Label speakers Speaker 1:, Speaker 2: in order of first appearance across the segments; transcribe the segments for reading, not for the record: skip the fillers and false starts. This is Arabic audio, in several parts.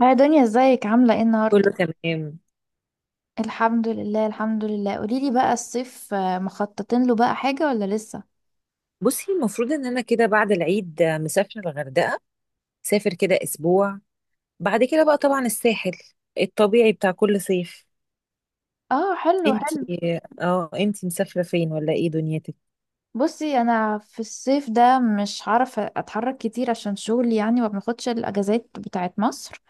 Speaker 1: هاي دنيا، ازيك عاملة ايه النهاردة؟
Speaker 2: كله تمام.
Speaker 1: الحمد لله، الحمد لله. قوليلي بقى الصيف مخططين له بقى حاجة ولا لسه؟
Speaker 2: بصي، المفروض ان انا كده بعد العيد مسافره الغردقه. سافر كده اسبوع. بعد كده بقى طبعا الساحل الطبيعي بتاع كل صيف.
Speaker 1: اه، حلو
Speaker 2: انتي
Speaker 1: حلو.
Speaker 2: اه انتي مسافره فين ولا ايه دنيتك؟
Speaker 1: بصي، انا في الصيف ده مش هعرف اتحرك كتير عشان شغلي، يعني ما بناخدش الاجازات بتاعت مصر.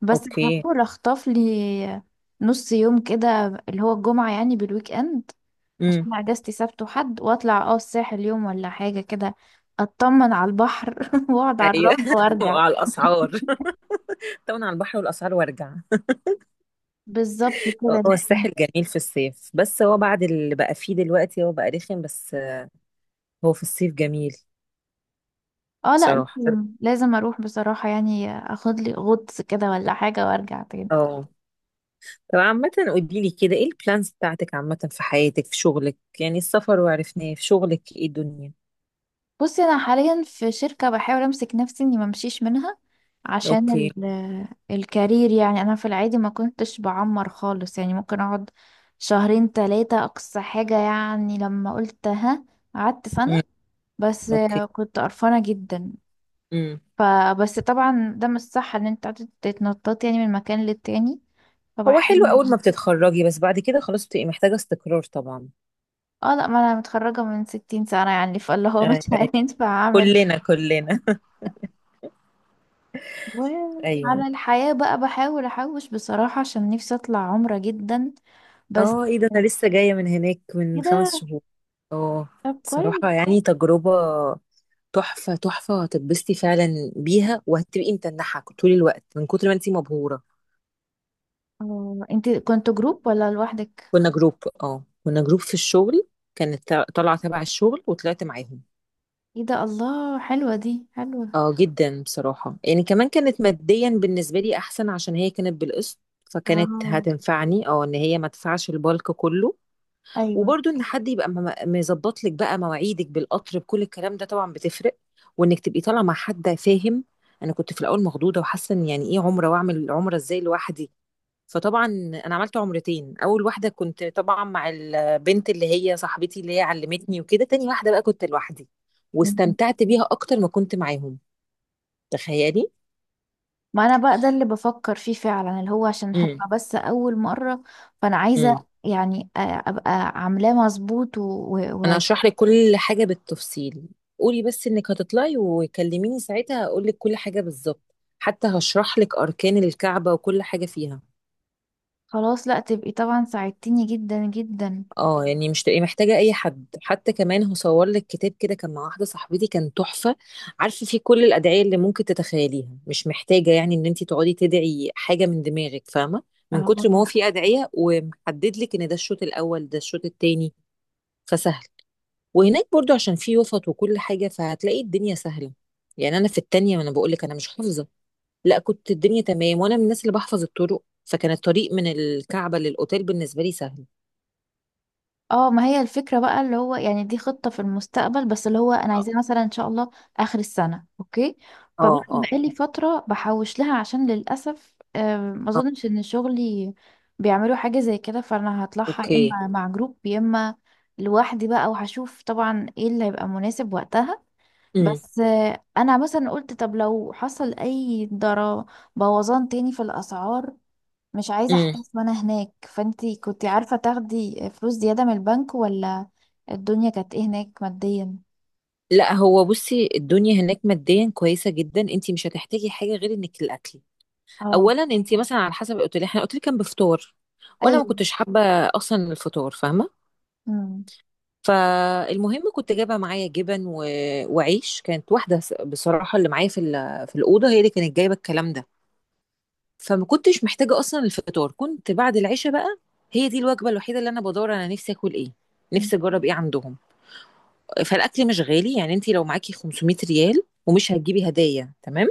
Speaker 1: بس
Speaker 2: اوكي.
Speaker 1: هحاول اخطف لي نص يوم كده، اللي هو الجمعة يعني بالويك اند.
Speaker 2: امم.
Speaker 1: عشان اجازتي سبت وحد، واطلع الساحل يوم ولا حاجة كده. اطمن على البحر واقعد على
Speaker 2: ايوه.
Speaker 1: الرمل وارجع.
Speaker 2: وعلى الاسعار. طبعا على البحر والاسعار وارجع.
Speaker 1: بالظبط كده.
Speaker 2: هو
Speaker 1: لا،
Speaker 2: الساحل جميل في الصيف، بس هو بعد اللي بقى فيه دلوقتي هو بقى رخم بس. هو في الصيف جميل.
Speaker 1: اه، لا
Speaker 2: بصراحه،
Speaker 1: لازم لازم اروح بصراحة، يعني اخد لي غطس كده ولا حاجة وارجع تاني.
Speaker 2: اه. طب عامة، قوليلي كده، ايه البلانز بتاعتك عامة في حياتك في شغلك يعني؟ السفر وعرفناه في شغلك، ايه الدنيا؟
Speaker 1: بصي، انا حاليا في شركة، بحاول امسك نفسي اني ما امشيش منها عشان
Speaker 2: اوكي.
Speaker 1: الكارير، يعني انا في العادي ما كنتش بعمر خالص، يعني ممكن اقعد شهرين ثلاثة اقصى حاجة، يعني لما قلت ها قعدت
Speaker 2: امم.
Speaker 1: سنة. بس
Speaker 2: اوكي.
Speaker 1: كنت قرفانة جدا،
Speaker 2: امم.
Speaker 1: فبس طبعا ده مش صح ان انت قاعدة تتنططي يعني من مكان للتاني،
Speaker 2: هو حلو
Speaker 1: فبحاول.
Speaker 2: اول ما بتتخرجي، بس بعد كده خلاص بتبقي محتاجة استقرار طبعا.
Speaker 1: اه، لا ما انا متخرجة من 60 سنة يعني، فاللي هو مش
Speaker 2: أيوة.
Speaker 1: هينفع اعمل.
Speaker 2: كلنا كلنا. ايوه.
Speaker 1: وعلى الحياة بقى بحاول احوش بصراحة عشان نفسي اطلع عمرة جدا، بس
Speaker 2: اه، ايه ده، انا لسه جاية من هناك من خمس
Speaker 1: كده.
Speaker 2: شهور اه.
Speaker 1: طب كويس.
Speaker 2: بصراحة يعني، تجربة تحفة تحفة، هتتبسطي فعلا بيها وهتبقي متنحة طول الوقت من كتر ما انتي مبهورة.
Speaker 1: اه، انت كنت جروب ولا لوحدك؟
Speaker 2: كنا جروب في الشغل. كانت طالعة تبع الشغل وطلعت معاهم.
Speaker 1: ايه ده، الله، حلوة دي حلوة.
Speaker 2: اه جدا، بصراحة يعني، كمان كانت ماديا بالنسبة لي احسن عشان هي كانت بالقسط.
Speaker 1: اه،
Speaker 2: فكانت هتنفعني، ان هي ما تدفعش البالك كله.
Speaker 1: ايوه،
Speaker 2: وبرضه ان حد يبقى مظبط لك بقى مواعيدك بالقطر، بكل الكلام ده طبعا بتفرق. وانك تبقي طالعة مع حد فاهم. انا كنت في الاول مخضوضة وحاسة ان يعني ايه عمرة، واعمل عمرة ازاي لوحدي؟ فطبعا انا عملت عمرتين، اول واحده كنت طبعا مع البنت اللي هي صاحبتي اللي هي علمتني وكده، تاني واحده بقى كنت لوحدي
Speaker 1: مم.
Speaker 2: واستمتعت بيها اكتر ما كنت معاهم. تخيلي.
Speaker 1: ما انا بقى ده اللي بفكر فيه فعلا، اللي هو عشان
Speaker 2: امم.
Speaker 1: هتبقى بس اول مرة، فانا عايزة
Speaker 2: امم.
Speaker 1: يعني ابقى عاملاه مظبوط و... و...
Speaker 2: انا
Speaker 1: و...
Speaker 2: هشرح لك كل حاجه بالتفصيل. قولي بس انك هتطلعي وكلميني ساعتها، هقول لك كل حاجه بالظبط، حتى هشرح لك اركان الكعبه وكل حاجه فيها.
Speaker 1: خلاص، لا تبقي طبعا ساعدتيني جدا جدا.
Speaker 2: اه يعني مش تبقي محتاجة أي حد، حتى كمان هو صور لك كتاب كده، كان مع واحدة صاحبتي، كان تحفة. عارفة، فيه كل الأدعية اللي ممكن تتخيليها، مش محتاجة يعني إن أنت تقعدي تدعي حاجة من دماغك، فاهمة؟ من كتر ما هو
Speaker 1: اه،
Speaker 2: فيه أدعية ومحدد لك إن ده الشوط الأول، ده الشوط التاني. فسهل. وهناك برضو، عشان فيه وسط وكل حاجة، فهتلاقي الدنيا سهلة. يعني أنا في التانية وأنا بقول لك أنا مش حافظة، لا، كنت الدنيا تمام، وأنا من الناس اللي بحفظ الطرق، فكان الطريق من الكعبة للأوتيل بالنسبة لي سهل.
Speaker 1: اه، ما هي الفكرة بقى، اللي هو يعني دي خطة في المستقبل، بس اللي هو انا
Speaker 2: اه.
Speaker 1: عايزاه مثلا ان شاء الله اخر السنة، اوكي. فبقى
Speaker 2: اه. آه.
Speaker 1: بقالي فترة بحوش لها عشان للأسف ما
Speaker 2: آه.
Speaker 1: اظنش ان شغلي بيعملوا حاجة زي كده، فانا هطلعها يا
Speaker 2: اوكي.
Speaker 1: اما مع جروب يا اما لوحدي بقى، وهشوف طبعا ايه اللي هيبقى مناسب وقتها.
Speaker 2: امم.
Speaker 1: بس انا مثلا قلت طب لو حصل اي ضرر، بوظان تاني في الاسعار، مش عايزة
Speaker 2: امم.
Speaker 1: احتاس وانا هناك، فانتي كنتي عارفة تاخدي فلوس زيادة من البنك، ولا الدنيا كانت ايه هناك ماديا؟
Speaker 2: لا هو، بصي، الدنيا هناك ماديا كويسه جدا، انت مش هتحتاجي حاجه غير انك الاكل.
Speaker 1: اه،
Speaker 2: اولا انت مثلا على حسب الاوتيل، احنا الاوتيل كان بفطار، وانا ما
Speaker 1: ايوه،
Speaker 2: كنتش حابه اصلا الفطار، فاهمه؟
Speaker 1: امم.
Speaker 2: فالمهم، كنت جايبه معايا جبن، وعيش، كانت واحده بصراحه، اللي معايا في الاوضه هي اللي كانت جايبه الكلام ده. فما كنتش محتاجه اصلا الفطار، كنت بعد العشاء بقى هي دي الوجبه الوحيده اللي انا بدور انا نفسي اكل ايه، نفسي اجرب ايه عندهم. فالاكل مش غالي يعني، انت لو معاكي 500 ريال ومش هتجيبي هدايا، تمام،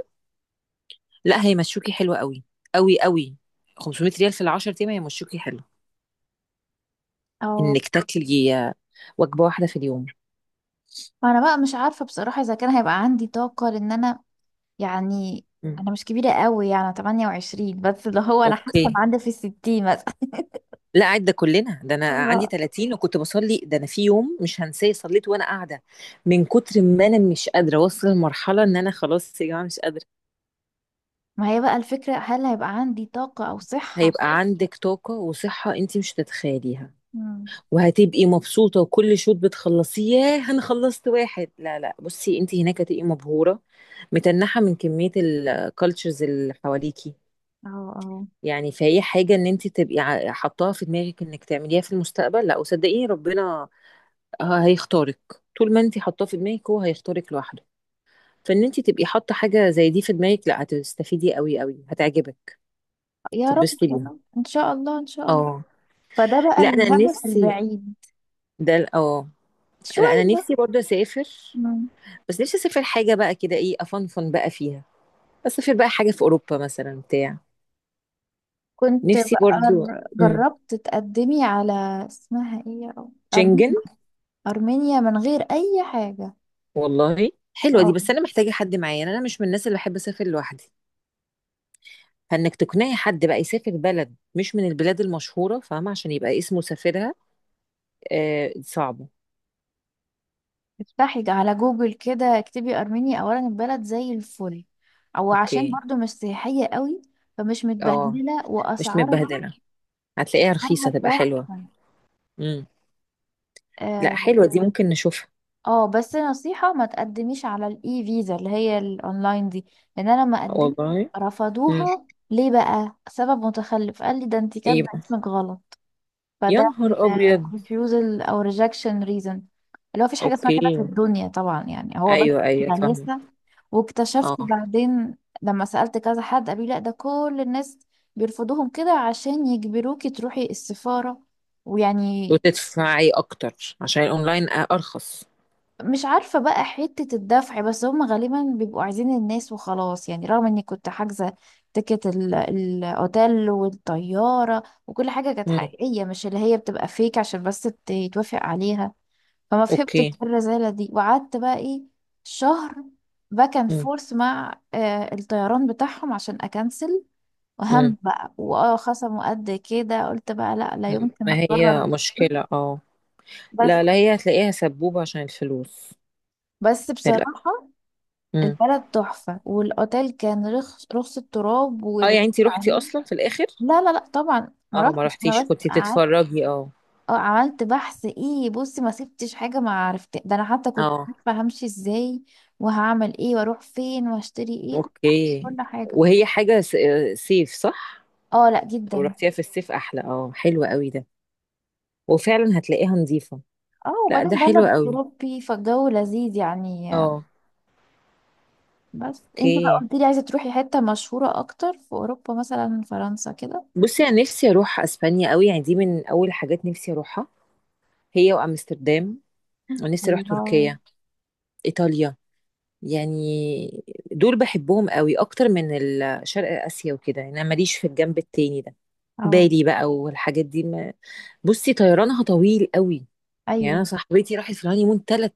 Speaker 2: لا، هيمشوكي حلو. قوي قوي قوي، 500 ريال في العشر ايام هيمشوكي حلو،
Speaker 1: اه،
Speaker 2: انك تاكلي وجبه واحده في اليوم.
Speaker 1: انا بقى مش عارفة بصراحة اذا كان هيبقى عندي طاقة، لان انا يعني
Speaker 2: مم.
Speaker 1: انا مش كبيرة قوي، يعني 28، بس اللي هو انا حاسة ان
Speaker 2: اوكي.
Speaker 1: عندي في الستين مثلا
Speaker 2: لا قاعد، ده كلنا، ده انا عندي
Speaker 1: الله.
Speaker 2: 30 وكنت بصلي، ده انا في يوم مش هنساه صليت وانا قاعده من كتر ما انا مش قادره اوصل لمرحله ان انا خلاص يا جماعه مش قادره.
Speaker 1: ما هي بقى الفكرة، هل هيبقى عندي طاقة او صحة؟
Speaker 2: هيبقى عندك طاقه وصحه انت مش هتتخيليها،
Speaker 1: امم،
Speaker 2: وهتبقي مبسوطة، وكل شوط بتخلصيه ياه أنا خلصت واحد، لا لا، بصي، أنت هناك هتبقي مبهورة متنحة من كمية الكالتشرز اللي حواليكي.
Speaker 1: اه، اه،
Speaker 2: يعني فهي حاجة إن أنت تبقي حطاها في دماغك إنك تعمليها في المستقبل، لا، وصدقيني ربنا هيختارك، طول ما أنت حطاه في دماغك هو هيختارك لوحده. فإن أنت تبقي حاطة حاجة زي دي في دماغك، لا هتستفيدي قوي قوي، هتعجبك،
Speaker 1: يا رب
Speaker 2: تتبسطي
Speaker 1: يا
Speaker 2: بيها.
Speaker 1: رب، ان شاء الله، ان شاء الله.
Speaker 2: اه،
Speaker 1: فده بقى
Speaker 2: لا أنا
Speaker 1: الهدف
Speaker 2: نفسي.
Speaker 1: البعيد
Speaker 2: ده ال- اه لا أنا
Speaker 1: شوية.
Speaker 2: نفسي برضه أسافر.
Speaker 1: مم.
Speaker 2: بس نفسي اسافر حاجه بقى كده، ايه، افنفن بقى فيها. اسافر بقى حاجه في اوروبا مثلا بتاع.
Speaker 1: كنت
Speaker 2: نفسي
Speaker 1: بقى
Speaker 2: برضو،
Speaker 1: جربت تقدمي على، اسمها ايه، يا رب،
Speaker 2: شنجن.
Speaker 1: أرمينيا؟ أرمينيا من غير أي حاجة.
Speaker 2: والله حلوه دي،
Speaker 1: اه،
Speaker 2: بس انا محتاجه حد معايا، يعني انا مش من الناس اللي بحب اسافر لوحدي. فانك تقنعي حد بقى يسافر بلد مش من البلاد المشهوره، فاهمه؟ عشان يبقى اسمه سافرها. آه، صعبه.
Speaker 1: افتحي على جوجل كده، اكتبي أرمينيا، أولا البلد زي الفل، أو عشان
Speaker 2: اوكي.
Speaker 1: برضو مش سياحية قوي، فمش
Speaker 2: اه،
Speaker 1: متبهدلة،
Speaker 2: مش
Speaker 1: وأسعارها
Speaker 2: متبهدله، هتلاقيها رخيصه
Speaker 1: أسعارها
Speaker 2: تبقى حلوه.
Speaker 1: تحفة.
Speaker 2: امم. لا
Speaker 1: آه،
Speaker 2: حلوه دي، ممكن نشوفها.
Speaker 1: اه بس نصيحة ما تقدميش على الاي فيزا اللي هي الاونلاين دي، لان انا لما قدمت
Speaker 2: والله. امم.
Speaker 1: رفضوها. ليه بقى؟ سبب متخلف قال لي ده انت
Speaker 2: ايه
Speaker 1: كاتبه
Speaker 2: بقى؟
Speaker 1: اسمك غلط.
Speaker 2: يا
Speaker 1: فده
Speaker 2: نهار ابيض.
Speaker 1: الريفيوزل او ريجكشن ريزن، اللي هو مفيش حاجة اسمها كده
Speaker 2: اوكي.
Speaker 1: في الدنيا طبعا، يعني هو بس
Speaker 2: ايوه ايوه، فاهمه.
Speaker 1: غلاسة. واكتشفت
Speaker 2: اه
Speaker 1: بعدين لما سألت كذا حد، قالوا لي لا ده كل الناس بيرفضوهم كده عشان يجبروكي تروحي السفارة، ويعني،
Speaker 2: وتدفعي اكتر، عشان الاونلاين ارخص.
Speaker 1: مش عارفة بقى حتة الدفع، بس هم غالبا بيبقوا عايزين الناس وخلاص، يعني رغم اني كنت حاجزة تيكت الاوتيل والطيارة وكل حاجة كانت
Speaker 2: مم.
Speaker 1: حقيقية، مش اللي هي بتبقى فيك عشان بس يتوافق عليها. فما فهمت
Speaker 2: اوكي.
Speaker 1: الرزالة دي، وقعدت بقى ايه شهر باك اند
Speaker 2: مم.
Speaker 1: فورث مع الطيران بتاعهم عشان اكنسل،
Speaker 2: مم.
Speaker 1: وهم بقى خصموا قد كده، قلت بقى لا لا
Speaker 2: مم.
Speaker 1: يمكن
Speaker 2: ما هي
Speaker 1: اقرر
Speaker 2: مشكلة اه.
Speaker 1: بس
Speaker 2: لا لا، هي هتلاقيها سبوبة عشان الفلوس،
Speaker 1: بس
Speaker 2: للأسف.
Speaker 1: بصراحة،
Speaker 2: مم.
Speaker 1: البلد تحفة، والأوتيل كان رخص رخص التراب،
Speaker 2: اه يعني،
Speaker 1: والرخص
Speaker 2: انتي روحتي
Speaker 1: عليه.
Speaker 2: اصلا في الاخر؟
Speaker 1: لا لا لا طبعا ما
Speaker 2: اه، ما
Speaker 1: رحتش أنا،
Speaker 2: رحتيش،
Speaker 1: بس
Speaker 2: كنتي
Speaker 1: قعدت.
Speaker 2: بتتفرجي؟ اه.
Speaker 1: اه، عملت بحث، ايه، بصي ما سبتش حاجة، ما عرفت، ده أنا حتى كنت
Speaker 2: اه.
Speaker 1: عارفة همشي ازاي، وهعمل ايه، واروح فين، واشتري ايه، كل حاجة،
Speaker 2: اوكي.
Speaker 1: كل حاجة.
Speaker 2: وهي حاجة صيف صح؟
Speaker 1: اه، لا
Speaker 2: لو
Speaker 1: جدا.
Speaker 2: رحتيها في الصيف احلى، اه، حلوة قوي ده، وفعلا هتلاقيها نظيفة.
Speaker 1: اه،
Speaker 2: لا ده
Speaker 1: وبعدين
Speaker 2: حلو
Speaker 1: بلد
Speaker 2: قوي.
Speaker 1: أوروبي، فالجو لذيذ يعني.
Speaker 2: اه.
Speaker 1: بس انت بقى
Speaker 2: اوكي.
Speaker 1: قلت لي عايزة تروحي حتة مشهورة أكتر في أوروبا، مثلا فرنسا كده.
Speaker 2: بصي انا نفسي اروح اسبانيا قوي، يعني دي من اول حاجات نفسي اروحها، هي وامستردام. ونفسي اروح
Speaker 1: الله.
Speaker 2: تركيا، ايطاليا، يعني دول بحبهم قوي اكتر من شرق اسيا وكده، يعني انا ماليش في الجنب التاني ده،
Speaker 1: اه،
Speaker 2: بالي بقى والحاجات دي ما. بصي طيرانها طويل قوي، يعني انا
Speaker 1: أيوه،
Speaker 2: صاحبتي راحت في الهانيمون ثلاث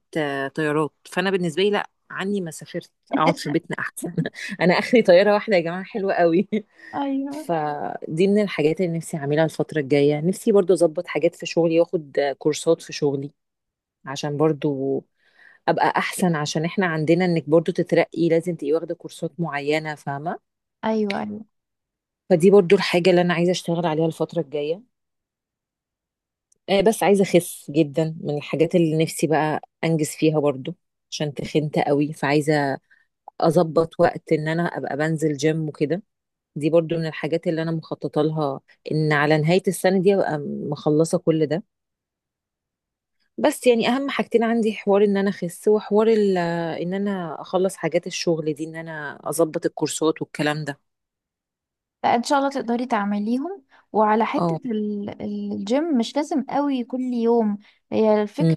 Speaker 2: طيارات، فانا بالنسبه لي لا، عني ما سافرت، اقعد في بيتنا احسن. انا اخري طياره واحده يا جماعه، حلوه قوي.
Speaker 1: ايوه،
Speaker 2: فدي من الحاجات اللي نفسي اعملها الفتره الجايه، نفسي برضو اظبط حاجات في شغلي، واخد كورسات في شغلي عشان برضو ابقى احسن، عشان احنا عندنا انك برضو تترقي لازم تبقي واخده كورسات معينه، فاهمه؟
Speaker 1: ايوه، ايوه.
Speaker 2: فدي برضو الحاجه اللي انا عايزه اشتغل عليها الفتره الجايه. بس عايزه اخس جدا، من الحاجات اللي نفسي بقى انجز فيها برضو عشان تخنت قوي، فعايزه اظبط وقت ان انا ابقى بنزل جيم وكده. دي برضو من الحاجات اللي انا مخططه لها، ان على نهايه السنه دي ابقى مخلصه كل ده. بس يعني اهم حاجتين عندي، حوار ان انا اخس، وحوار ان انا اخلص حاجات الشغل دي، ان انا اظبط الكورسات والكلام ده.
Speaker 1: لا، ان شاء الله تقدري تعمليهم. وعلى
Speaker 2: اه.
Speaker 1: حتة الجيم، مش لازم قوي كل يوم، هي الفكرة
Speaker 2: امم.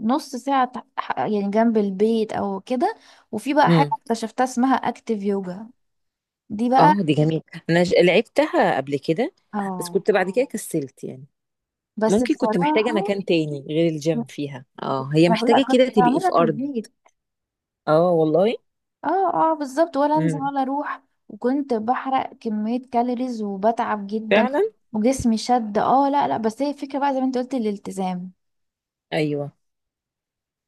Speaker 1: نص ساعة يعني جنب البيت او كده. وفي بقى حاجة
Speaker 2: امم.
Speaker 1: اكتشفتها اسمها اكتيف يوجا، دي بقى،
Speaker 2: اه دي جميل، انا لعبتها قبل كده، بس
Speaker 1: اه
Speaker 2: كنت بعد كده كسلت يعني.
Speaker 1: بس
Speaker 2: ممكن كنت محتاجة
Speaker 1: بصراحة
Speaker 2: مكان تاني غير الجيم فيها، اه، هي
Speaker 1: انا كنت، لا،
Speaker 2: محتاجة
Speaker 1: كنت
Speaker 2: كده تبقي
Speaker 1: بعملها
Speaker 2: في
Speaker 1: في
Speaker 2: ارض.
Speaker 1: البيت.
Speaker 2: اه والله.
Speaker 1: اه، اه، بالظبط، ولا انزل
Speaker 2: امم.
Speaker 1: ولا اروح، وكنت بحرق كمية كالوريز وبتعب جدا،
Speaker 2: فعلا.
Speaker 1: وجسمي شد. اه، لا لا بس هي الفكرة بقى زي ما انت قلت الالتزام.
Speaker 2: ايوه.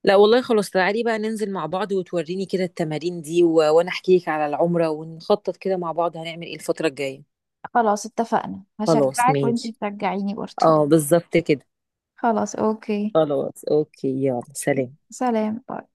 Speaker 2: لا والله خلاص، تعالي بقى ننزل مع بعض وتوريني كده التمارين دي، وانا احكي لك على العمرة ونخطط كده مع بعض هنعمل ايه الفترة الجاية.
Speaker 1: خلاص اتفقنا،
Speaker 2: خلاص
Speaker 1: هشجعك وانتي
Speaker 2: ماشي.
Speaker 1: تشجعيني برضو.
Speaker 2: اه بالظبط كده.
Speaker 1: خلاص، اوكي،
Speaker 2: خلاص اوكي، يلا، سلام.
Speaker 1: سلام.